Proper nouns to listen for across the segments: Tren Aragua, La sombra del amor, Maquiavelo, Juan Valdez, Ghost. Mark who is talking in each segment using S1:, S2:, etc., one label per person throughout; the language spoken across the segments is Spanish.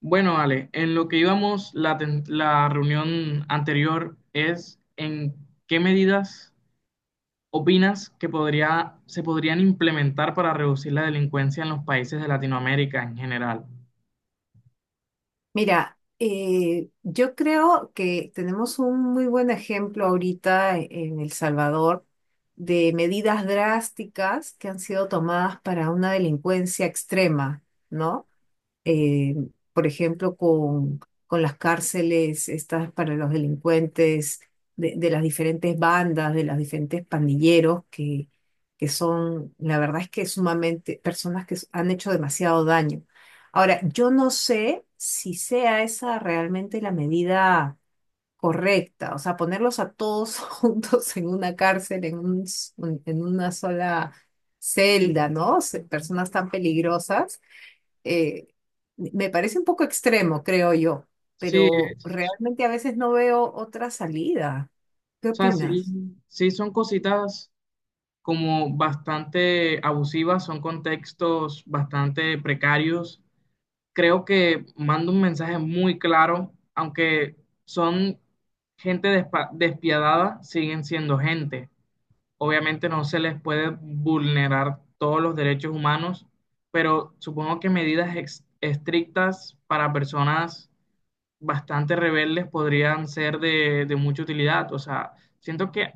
S1: Bueno, Ale, en lo que íbamos la reunión anterior es en qué medidas opinas que se podrían implementar para reducir la delincuencia en los países de Latinoamérica en general.
S2: Mira, yo creo que tenemos un muy buen ejemplo ahorita en El Salvador de medidas drásticas que han sido tomadas para una delincuencia extrema, ¿no? eh, por ejemplo, con las cárceles estas para los delincuentes de las diferentes bandas, de los diferentes pandilleros, que son, la verdad es que sumamente personas que han hecho demasiado daño. Ahora, yo no sé si sea esa realmente la medida correcta, o sea, ponerlos a todos juntos en una cárcel, en una sola celda, ¿no? Personas tan peligrosas eh, me parece un poco extremo, creo yo,
S1: Sí,
S2: pero
S1: es-
S2: realmente a veces no veo otra salida. ¿Qué
S1: o sea,
S2: opinas?
S1: sí son cositas como bastante abusivas, son contextos bastante precarios, creo que manda un mensaje muy claro, aunque son gente despiadada, siguen siendo gente. Obviamente no se les puede vulnerar todos los derechos humanos, pero supongo que medidas estrictas para personas bastante rebeldes podrían ser de mucha utilidad. O sea, siento que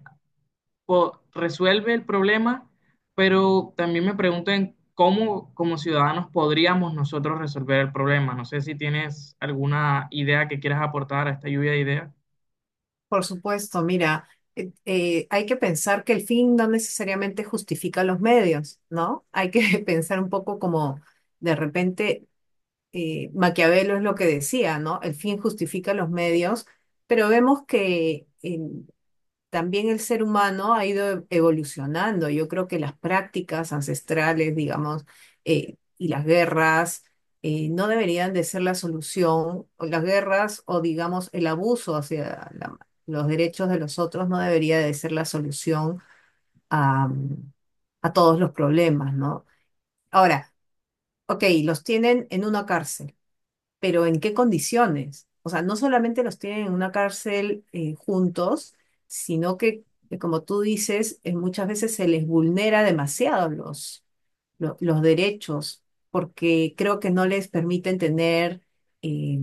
S1: resuelve el problema, pero también me pregunto en cómo como ciudadanos podríamos nosotros resolver el problema. No sé si tienes alguna idea que quieras aportar a esta lluvia de ideas.
S2: Por supuesto, mira, hay que pensar que el fin no necesariamente justifica los medios, ¿no? Hay que pensar un poco como de repente Maquiavelo es lo que decía, ¿no? El fin justifica los medios, pero vemos que. También el ser humano ha ido evolucionando. Yo creo que las prácticas ancestrales, digamos, y las guerras no deberían de ser la solución. O las guerras o, digamos, el abuso hacia los derechos de los otros no debería de ser la solución a, a todos los problemas, ¿no? Ahora, ok, los tienen en una cárcel pero ¿en qué condiciones? O sea, no solamente los tienen en una cárcel juntos, que como tú dices, muchas veces se les vulnera demasiado los derechos, porque creo que no les permiten tener, eh,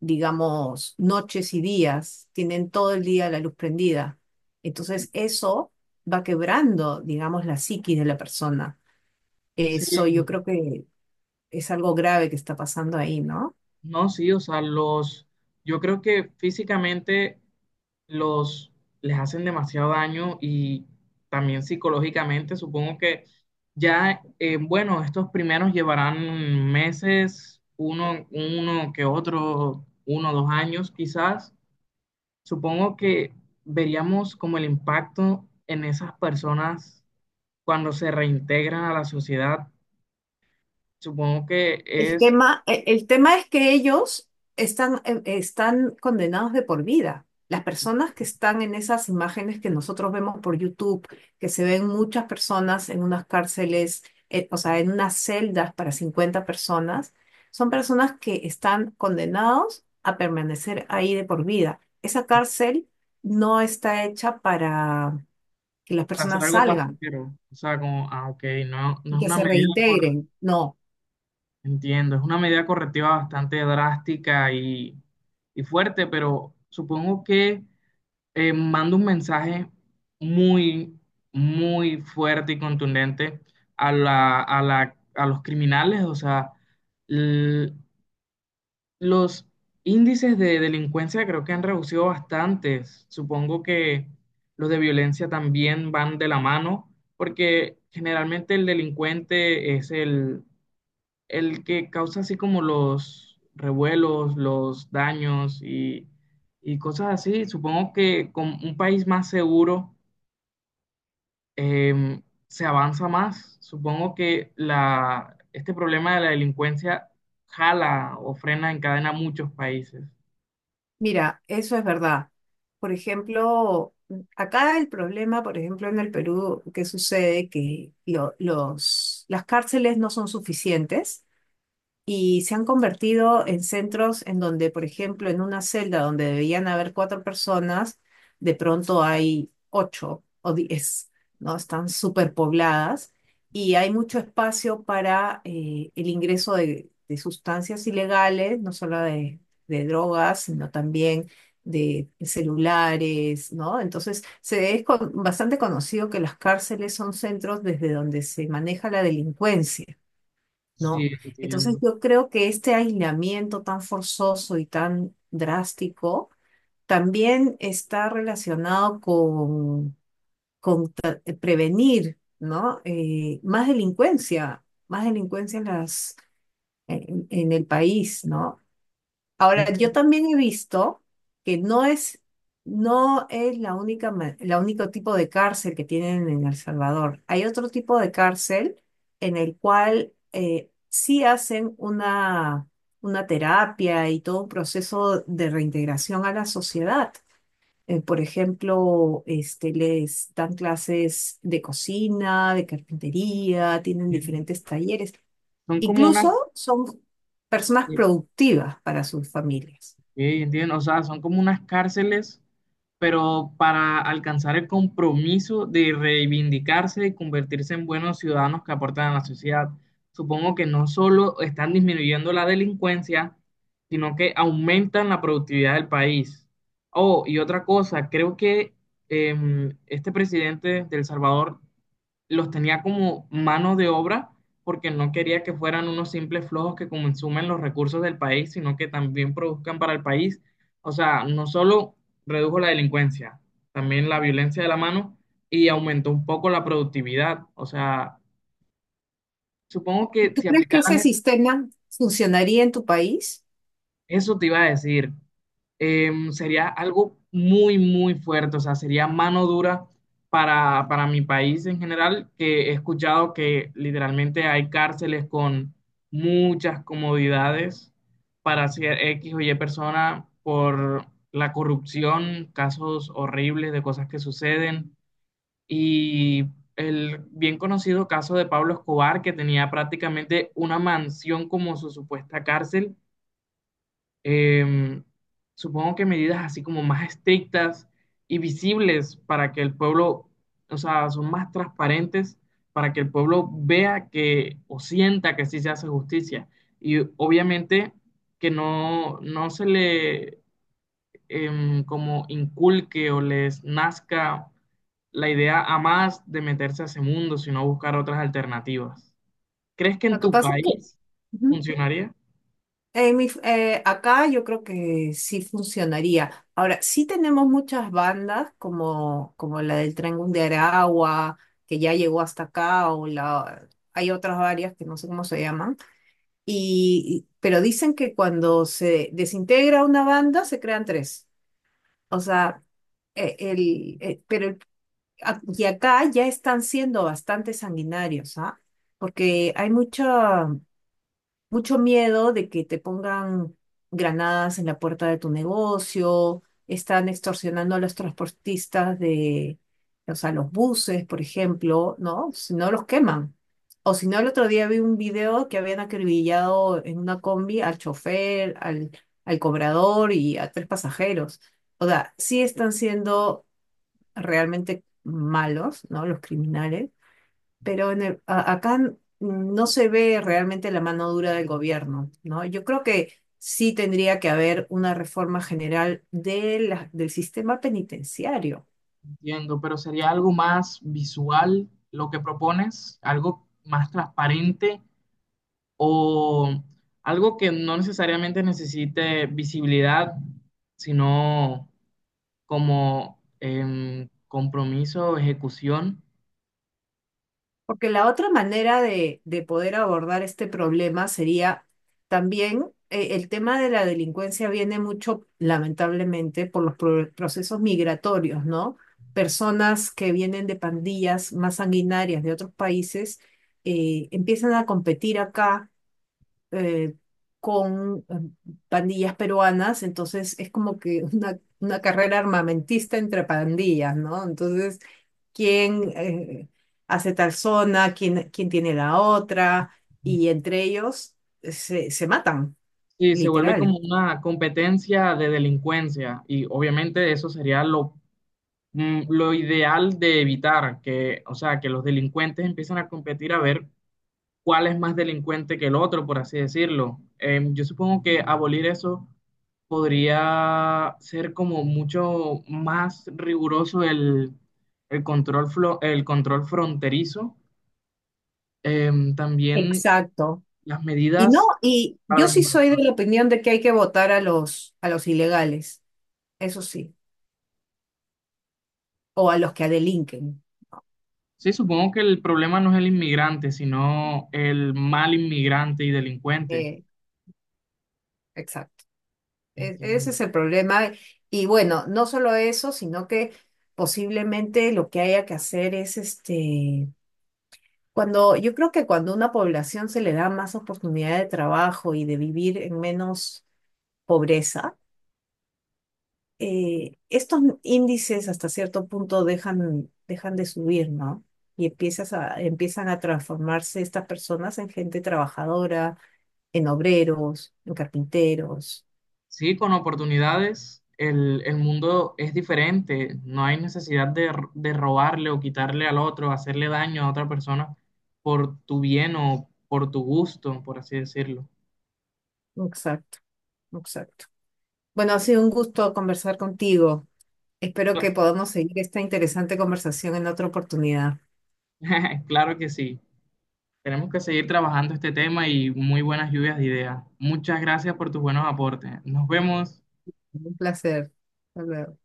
S2: digamos, noches y días, tienen todo el día la luz prendida. Entonces, eso va quebrando, digamos, la psiquis de la persona.
S1: Sí,
S2: Eso yo creo que es algo grave que está pasando ahí, ¿no?
S1: no, sí, o sea, yo creo que físicamente los les hacen demasiado daño y también psicológicamente, supongo que ya, bueno, estos primeros llevarán meses, uno que otro, uno, dos años quizás. Supongo que veríamos como el impacto en esas personas cuando se reintegran a la sociedad. Supongo que es
S2: El tema es que ellos están, están condenados de por vida. Las personas que están en esas imágenes que nosotros vemos por YouTube, que se ven muchas personas en unas cárceles, o sea, en unas celdas para 50 personas, son personas que están condenados a permanecer ahí de por vida. Esa cárcel no está hecha para que las
S1: para hacer
S2: personas
S1: algo
S2: salgan
S1: pasajero. O sea, como, ah, ok, no, no
S2: y
S1: es
S2: que
S1: una
S2: se reintegren, no.
S1: entiendo, es una medida correctiva bastante drástica y fuerte, pero supongo que manda un mensaje muy, muy fuerte y contundente a a los criminales, o sea, los índices de delincuencia creo que han reducido bastante. Supongo que los de violencia también van de la mano, porque generalmente el delincuente el que causa así como los revuelos, los daños y cosas así. Supongo que con un país más seguro se avanza más. Supongo que este problema de la delincuencia jala o frena en cadena muchos países.
S2: Mira, eso es verdad. Por ejemplo, acá el problema, por ejemplo, en el Perú, que sucede que las cárceles no son suficientes y se han convertido en centros en donde, por ejemplo, en una celda donde debían haber cuatro personas, de pronto hay ocho o diez, ¿no? Están superpobladas y hay mucho espacio para el ingreso de sustancias ilegales, no solo de drogas, sino también de celulares, ¿no? Entonces, bastante conocido que las cárceles son centros desde donde se maneja la delincuencia.
S1: Sí,
S2: ¿No? Entonces
S1: entiendo.
S2: yo creo que este aislamiento tan forzoso y tan drástico también está relacionado con prevenir, ¿no? Más delincuencia en en el país, ¿no? Ahora, yo
S1: Entiendo,
S2: también he visto que no es la única, la único tipo de cárcel que tienen en El Salvador. Hay otro tipo de cárcel en el cual sí hacen una terapia y todo un proceso de reintegración a la sociedad. Por ejemplo, este, les dan clases de cocina, de carpintería, tienen
S1: entiendo.
S2: diferentes talleres.
S1: Son como
S2: Incluso
S1: unas,
S2: son personas
S1: eh,
S2: productivas para sus familias.
S1: ok, entiendo, o sea, son como unas cárceles, pero para alcanzar el compromiso de reivindicarse y convertirse en buenos ciudadanos que aportan a la sociedad. Supongo que no solo están disminuyendo la delincuencia, sino que aumentan la productividad del país. Oh, y otra cosa, creo que este presidente de El Salvador los tenía como mano de obra porque no quería que fueran unos simples flojos que consumen los recursos del país, sino que también produzcan para el país. O sea, no solo redujo la delincuencia, también la violencia de la mano y aumentó un poco la productividad. O sea, supongo
S2: ¿Y
S1: que
S2: tú
S1: si
S2: crees que ese
S1: aplicaran
S2: sistema funcionaría en tu país?
S1: eso te iba a decir, sería algo muy, muy fuerte, o sea, sería mano dura para mi país en general, que he escuchado que literalmente hay cárceles con muchas comodidades para hacer X o Y persona por la corrupción, casos horribles de cosas que suceden y el bien conocido caso de Pablo Escobar, que tenía prácticamente una mansión como su supuesta cárcel. em, Supongo que medidas así como más estrictas y visibles para que el pueblo, o sea, son más transparentes para que el pueblo vea que o sienta que sí se hace justicia. Y obviamente que no, no se le como inculque o les nazca la idea a más de meterse a ese mundo, sino buscar otras alternativas. ¿Crees que en
S2: Lo que
S1: tu
S2: pasa es que
S1: país
S2: ujú,
S1: funcionaría?
S2: acá yo creo que sí funcionaría. Ahora, sí tenemos muchas bandas como, como la del Tren Aragua, que ya llegó hasta acá, hay otras varias que no sé cómo se llaman, y- pero dicen que cuando se desintegra una banda se crean tres. O sea, el, pero el a- Y acá ya están siendo bastante sanguinarios, ¿ah? Porque hay mucho miedo de que te pongan granadas en la puerta de tu negocio, están extorsionando a los transportistas de, o sea, los buses, por ejemplo, ¿no? Si no los queman. O si no, el otro día vi un video que habían acribillado en una combi al chofer, al cobrador y a tres pasajeros. O sea, sí están siendo realmente malos, ¿no? Los criminales, pero acá no se ve realmente la mano dura del gobierno, ¿no? Yo creo que sí tendría que haber una reforma general de del sistema penitenciario.
S1: Entiendo, pero sería algo más visual lo que propones, algo más transparente o algo que no necesariamente necesite visibilidad, sino como compromiso o ejecución.
S2: Porque la otra manera de poder abordar este problema sería también el tema de la delincuencia viene mucho, lamentablemente, por los procesos migratorios, ¿no? Personas que vienen de pandillas más sanguinarias de otros países empiezan a competir acá eh, con pandillas peruanas, entonces es como que una carrera armamentista entre pandillas, ¿no? Entonces quién hace tal zona, quién tiene la otra, y entre ellos se matan,
S1: Sí, se vuelve
S2: literal.
S1: como una competencia de delincuencia y obviamente eso sería lo, mm, lo ideal de evitar, que, o sea, que los delincuentes empiecen a competir a ver cuál es más delincuente que el otro, por así decirlo. Yo supongo que abolir eso podría ser como mucho más riguroso el control, el control fronterizo. También
S2: Exacto.
S1: las
S2: Y no,
S1: medidas
S2: y
S1: para
S2: yo
S1: los
S2: sí
S1: inmigrantes.
S2: soy de la opinión de que hay que votar a a los ilegales, eso sí, o a los que delinquen.
S1: Sí, supongo que el problema no es el inmigrante, sino el mal inmigrante y delincuente.
S2: Eh, exacto. Ese
S1: Entiendo.
S2: es el problema. Y bueno, no solo eso, sino que posiblemente lo que haya que hacer es este. Cuando, yo creo que cuando a una población se le da más oportunidad de trabajo y de vivir en menos pobreza, estos índices hasta cierto punto dejan de subir, ¿no? Y empiezan a transformarse estas personas en gente trabajadora, en obreros, en carpinteros.
S1: Sí, con oportunidades el mundo es diferente, no hay necesidad de, de robarle o quitarle al otro, hacerle daño a otra persona por tu bien o por tu gusto, por así decirlo.
S2: Exacto, exacto. Bueno, ha sido un gusto conversar contigo. Espero que
S1: Claro,
S2: podamos seguir esta interesante conversación en otra oportunidad.
S1: claro que sí, tenemos que seguir trabajando este tema y muy buenas lluvias de ideas. Muchas gracias por tus buenos aportes. Nos vemos.
S2: Un placer. Hasta luego.